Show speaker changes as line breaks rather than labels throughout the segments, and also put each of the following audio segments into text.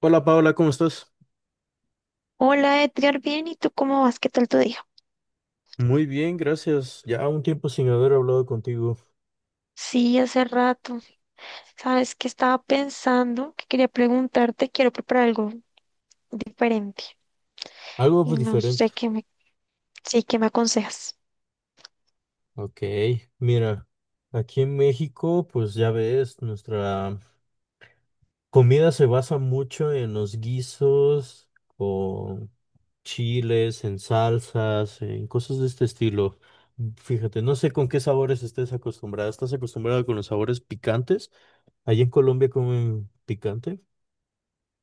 Hola Paola, ¿cómo estás?
Hola Edgar, bien, ¿y tú cómo vas? ¿Qué tal tu día?
Muy bien, gracias. Ya un tiempo sin haber hablado contigo.
Sí, hace rato. Sabes que estaba pensando que quería preguntarte, quiero preparar algo diferente
Algo
y
pues,
no
diferente.
sé qué me, sí, qué me aconsejas.
Ok, mira, aquí en México, pues ya ves, nuestra comida se basa mucho en los guisos, con chiles, en salsas, en cosas de este estilo. Fíjate, no sé con qué sabores estés acostumbrada. ¿Estás acostumbrada con los sabores picantes? ¿Allí en Colombia comen picante?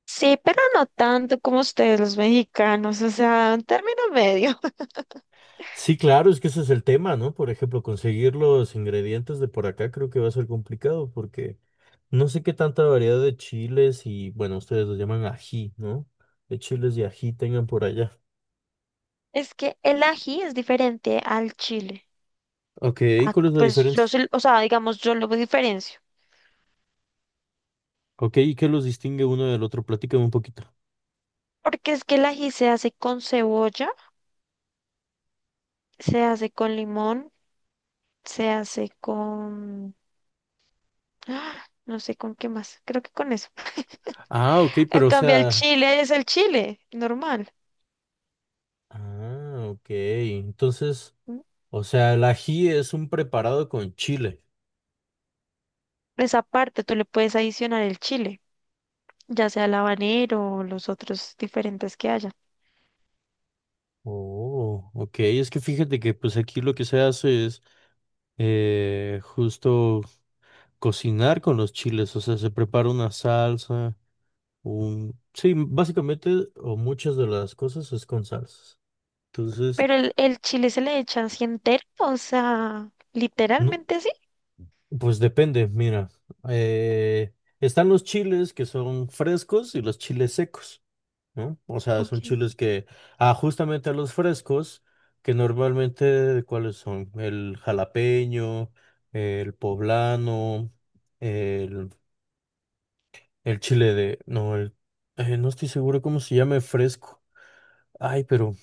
Sí, pero no tanto como ustedes los mexicanos, o sea, un término medio.
Sí, claro, es que ese es el tema, ¿no? Por ejemplo, conseguir los ingredientes de por acá creo que va a ser complicado porque no sé qué tanta variedad de chiles y, bueno, ustedes los llaman ají, ¿no? De chiles y ají tengan por allá.
Es que el ají es diferente al chile.
Ok, ¿y
Ah,
cuál es la
pues
diferencia?
yo, o sea, digamos, yo lo diferencio.
Ok, ¿y qué los distingue uno del otro? Platícame un poquito.
Porque es que el ají se hace con cebolla. Se hace con limón, se hace con... ¡Ah! No sé con qué más, creo que con eso.
Ah, ok,
A
pero o
cambio, el
sea...
chile es el chile, normal.
Ah, ok, entonces,
¿M?
o sea, el ají es un preparado con chile.
Esa parte tú le puedes adicionar el chile, ya sea el habanero o los otros diferentes que haya.
Oh, ok, es que fíjate que pues aquí lo que se hace es justo cocinar con los chiles, o sea, se prepara una salsa, un... Sí, básicamente, o muchas de las cosas es con salsas. Entonces,
Pero el chile se le echa así entero, o sea,
no,
literalmente así.
pues depende, mira, eh, están los chiles que son frescos y los chiles secos, ¿no? O sea, son
Okay.
chiles que, ah, justamente a los frescos, que normalmente, ¿cuáles son? El jalapeño, el poblano, el chile de, no, el, no estoy seguro cómo se llame fresco. Ay, pero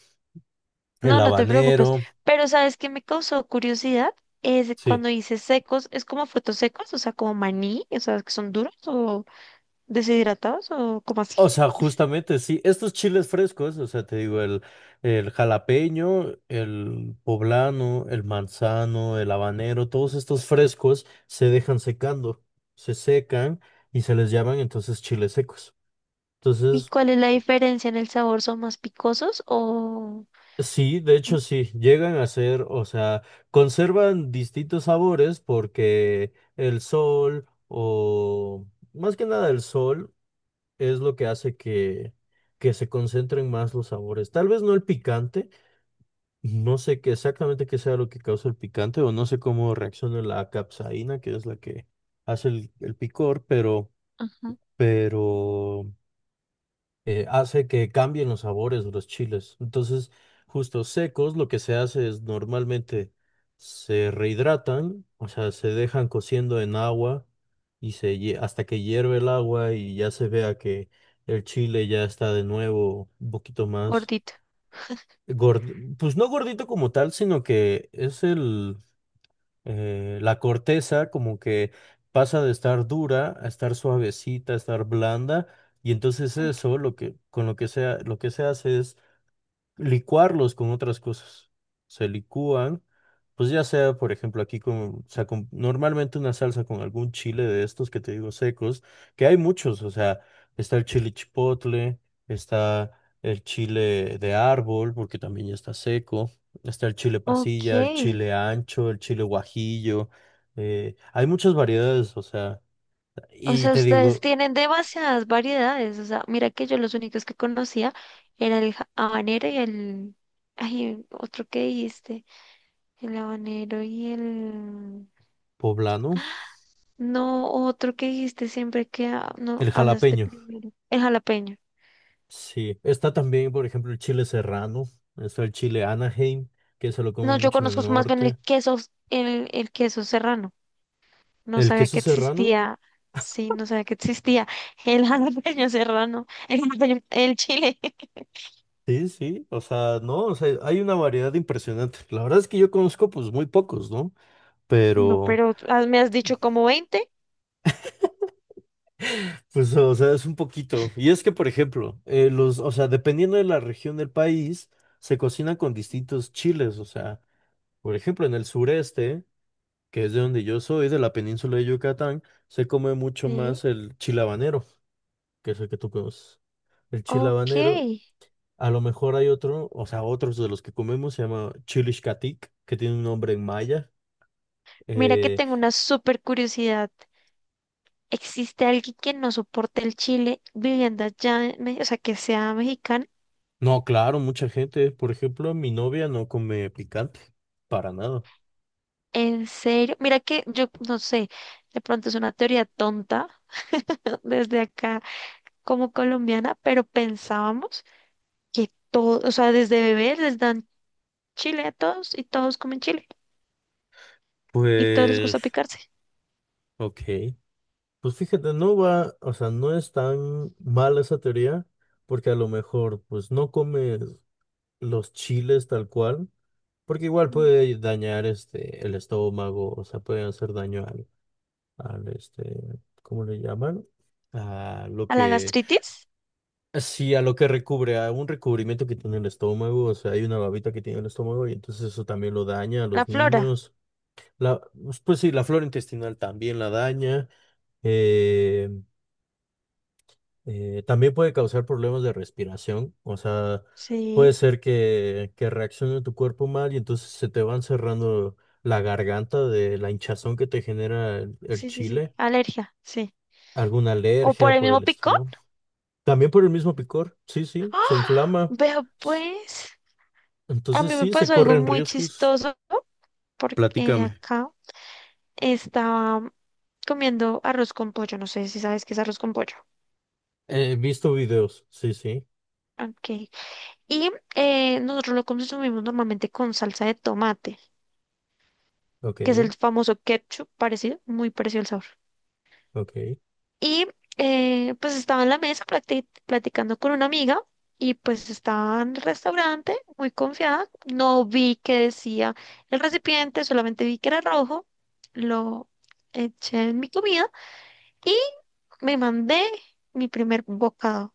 el
No, no te preocupes.
habanero,
Pero ¿sabes qué me causó curiosidad? Es
sí.
cuando dices secos, ¿es como frutos secos? O sea, como maní, o sea, que son duros o... ¿Deshidratados o cómo así?
O sea, justamente, sí, estos chiles frescos, o sea, te digo, el jalapeño, el poblano, el manzano, el habanero, todos estos frescos se dejan secando, se secan y se les llaman entonces chiles secos.
¿Y
Entonces,
cuál es la diferencia en el sabor? ¿Son más picosos o
sí, de hecho sí, llegan a ser, o sea, conservan distintos sabores porque el sol o más que nada el sol es lo que hace que se concentren más los sabores. Tal vez no el picante, no sé qué exactamente qué sea lo que causa el picante o no sé cómo reacciona la capsaína, que es la que hace el picor,
ajá,
pero hace que cambien los sabores de los chiles. Entonces, justo secos, lo que se hace es normalmente se rehidratan, o sea, se dejan cociendo en agua y hasta que hierve el agua y ya se vea que el chile ya está de nuevo un poquito más
gordito.
pues no gordito como tal, sino que es el la corteza como que pasa de estar dura a estar suavecita, a estar blanda, y entonces eso
Okay.
lo que con lo que sea, lo que se hace es licuarlos con otras cosas. Se licúan, pues ya sea, por ejemplo, aquí con, o sea, con- normalmente una salsa con algún chile de estos que te digo secos, que hay muchos, o sea, está el chile chipotle, está el chile de árbol, porque también ya está seco, está el chile
Ok.
pasilla, el chile ancho, el chile guajillo, hay muchas variedades, o sea,
O
y
sea,
te
ustedes
digo,
tienen demasiadas variedades. O sea, mira que yo los únicos que conocía era el habanero y el... Ay, otro que dijiste. El habanero y el...
poblano,
No, otro que dijiste siempre que no
el
hablas de
jalapeño.
primero. El jalapeño.
Sí, está también, por ejemplo, el chile serrano, está el chile Anaheim, que se lo
No,
comen
yo
mucho en el
conozco más bien el
norte.
queso, el queso serrano. No
El
sabía que
queso serrano,
existía. Sí, no sabía que existía. El jalapeño serrano. El jalapeño, el chile.
sí, sí, o sea, no, o sea, hay una variedad impresionante. La verdad es que yo conozco pues muy pocos, ¿no?
No,
Pero,
pero ah, me has dicho como 20.
pues, o sea, es un poquito. Y es que, por ejemplo, los, o sea, dependiendo de la región del país, se cocinan con distintos chiles, o sea, por ejemplo, en el sureste, que es de donde yo soy, de la península de Yucatán, se come mucho
Sí.
más el chile habanero, que es el que tú conoces. El chile
Ok.
habanero, a lo mejor hay otro, o sea, otros de los que comemos, se llama Xcatlic, que tiene un nombre en maya.
Mira que
Eh,
tengo una súper curiosidad. ¿Existe alguien que no soporte el chile viviendo allá, en o sea, que sea mexicano?
no, claro, mucha gente, por ejemplo, mi novia no come picante, para nada.
¿En serio? Mira que yo no sé, de pronto es una teoría tonta desde acá como colombiana, pero pensábamos que todo, o sea, desde bebés les dan chile a todos y todos comen chile y todos les gusta
Pues,
picarse.
ok. Pues fíjate, no va, o sea, no es tan mala esa teoría, porque a lo mejor, pues, no comes los chiles tal cual, porque igual
Mm.
puede dañar, este, el estómago, o sea, puede hacer daño a al este, ¿cómo le llaman? A lo
¿A la
que,
gastritis?
sí, a lo que recubre, a un recubrimiento que tiene el estómago, o sea, hay una babita que tiene el estómago y entonces eso también lo daña a
La
los
flora.
niños. La, pues sí, la flora intestinal también la daña. eh, también puede causar problemas de respiración, o sea, puede
Sí,
ser que reaccione tu cuerpo mal y entonces se te van cerrando la garganta de la hinchazón que te genera el
sí, sí, sí.
chile,
Alergia, sí.
alguna
¿O por
alergia
el
por
mismo
el
picón?
estilo. También por el mismo picor, sí, sí, se
¡Ah!
inflama.
Vea
S-
pues, a
Entonces
mí me
sí, se
pasó algo
corren
muy
riesgos.
chistoso porque
Platícame.
acá estaba comiendo arroz con pollo. No sé si sabes qué es arroz con pollo.
He visto videos, sí, sí,
Ok. Y nosotros lo consumimos normalmente con salsa de tomate,
ok,
que es el famoso ketchup parecido, muy parecido el sabor.
ok.
Y pues estaba en la mesa platicando con una amiga y pues estaba en el restaurante muy confiada. No vi que decía el recipiente, solamente vi que era rojo. Lo eché en mi comida y me mandé mi primer bocado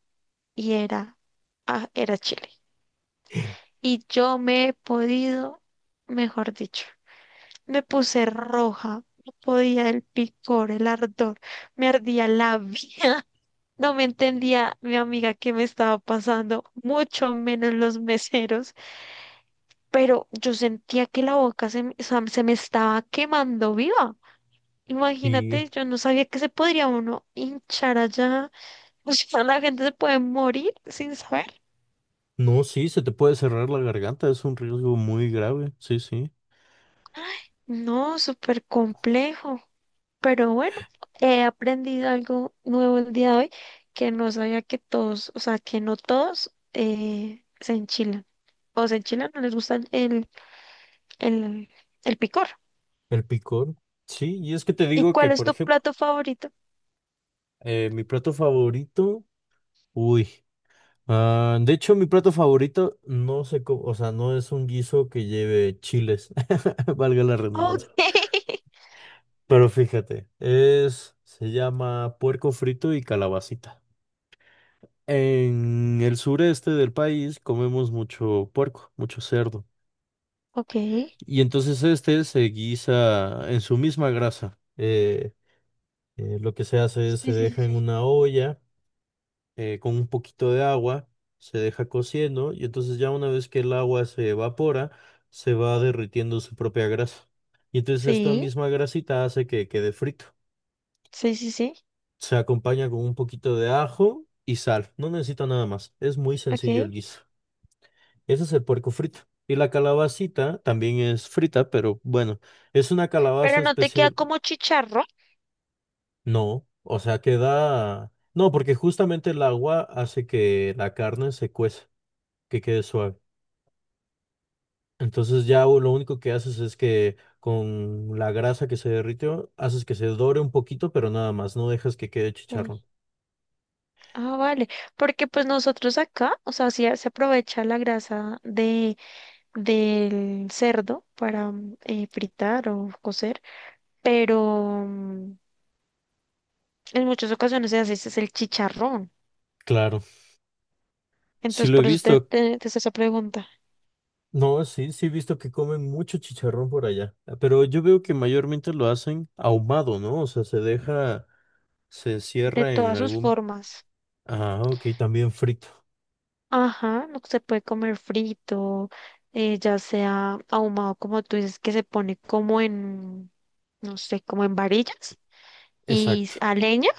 y era, ah, era chile. Y yo me he podido, mejor dicho, me puse roja. No podía el picor, el ardor, me ardía la vida. No me entendía mi amiga qué me estaba pasando, mucho menos los meseros, pero yo sentía que la boca o sea, se me estaba quemando viva.
Y
Imagínate, yo no sabía que se podría uno hinchar allá. O sea, la gente se puede morir sin saber.
no, sí, se te puede cerrar la garganta, es un riesgo muy grave, sí, sí.
No, súper complejo. Pero bueno, he aprendido algo nuevo el día de hoy que no sabía que todos, o sea, que no todos se enchilan. O se enchilan, no les gusta el, el picor.
El picor, sí, y es que te
¿Y
digo que,
cuál es
por
tu
ejemplo,
plato favorito?
mi plato favorito, uy, ah, de hecho, mi plato favorito no sé cómo, o sea, no es un guiso que lleve chiles, valga la redundancia.
Ok,
Pero fíjate, es, se llama puerco frito y calabacita. En el sureste del país comemos mucho puerco, mucho cerdo.
ok. Sí,
Y entonces este se guisa en su misma grasa. Lo que se hace es se
sí, sí,
deja en
sí.
una olla con un poquito de agua, se deja cociendo y entonces ya una vez que el agua se evapora, se va derritiendo su propia grasa. Y entonces esta
Sí,
misma grasita hace que quede frito.
sí, sí, sí.
Se acompaña con un poquito de ajo y sal. No necesita nada más. Es muy sencillo el
Ok.
guiso. Ese es el puerco frito. Y la calabacita también es frita, pero bueno, es una calabaza
Pero no te queda
especial.
como chicharro.
No, o sea, queda... No, porque justamente el agua hace que la carne se cueza, que quede suave. Entonces ya lo único que haces es que con la grasa que se derritió, haces que se dore un poquito, pero nada más, no dejas que quede chicharrón.
Sí. Ah, vale. Porque pues nosotros acá, o sea, sí se aprovecha la grasa de, del cerdo para fritar o cocer, pero en muchas ocasiones se hace es el chicharrón.
Claro, sí
Entonces,
lo he
por eso
visto.
te hice esa pregunta.
No, sí, sí he visto que comen mucho chicharrón por allá, ah, pero yo veo que mayormente lo hacen ahumado, ¿no? O sea, se deja, se
De
cierra en
todas sus
algún...
formas.
Ah, ok, también frito.
Ajá, no se puede comer frito, ya sea ahumado como tú dices, que se pone como en, no sé, como en varillas y
Exacto,
a leña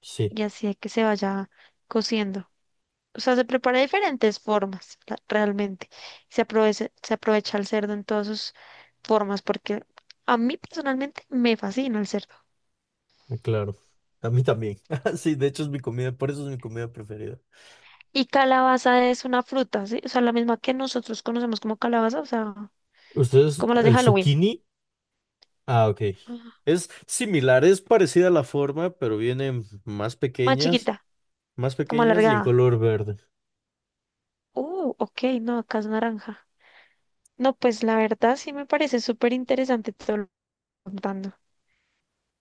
sí,
y así es que se vaya cociendo. O sea, se prepara de diferentes formas, realmente. Se aprovecha el cerdo en todas sus formas porque a mí personalmente me fascina el cerdo.
ah, claro. A mí también. Ah, sí, de hecho es mi comida, por eso es mi comida preferida.
Y calabaza es una fruta, ¿sí? O sea, la misma que nosotros conocemos como calabaza, o sea,
¿Ustedes,
como las de
el
Halloween,
zucchini? Ah, ok. Es similar, es parecida a la forma, pero vienen
más chiquita,
más
como
pequeñas y en
alargada.
color verde.
Ok, no, acá es naranja. No, pues la verdad sí me parece súper interesante todo lo que estás contando.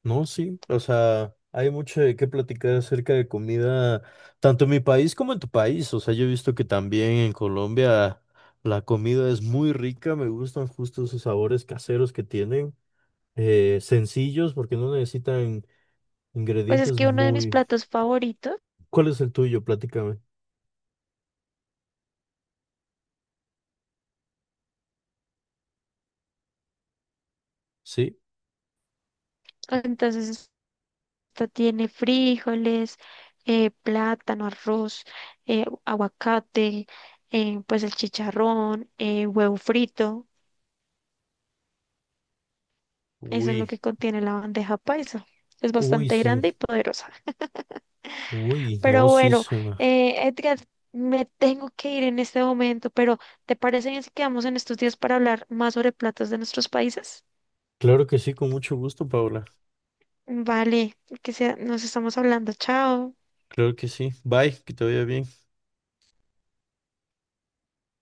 No, sí, o sea, hay mucho de qué platicar acerca de comida, tanto en mi país como en tu país. O sea, yo he visto que también en Colombia la comida es muy rica, me gustan justo esos sabores caseros que tienen, sencillos porque no necesitan
Pues es
ingredientes
que uno de mis
muy...
platos favoritos,
¿Cuál es el tuyo? Platícame. ¿Sí?
entonces esta tiene frijoles, plátano, arroz, aguacate, pues el chicharrón, huevo frito. Eso es lo
Uy,
que contiene la bandeja paisa. Es
uy,
bastante
sí,
grande y poderosa.
uy,
Pero
no, sí
bueno,
suena.
Edgar, me tengo que ir en este momento, pero ¿te parece bien si quedamos en estos días para hablar más sobre platos de nuestros países?
Claro que sí, con mucho gusto, Paula.
Vale, que sea, nos estamos hablando. Chao.
Claro que sí. Bye, que te vaya bien.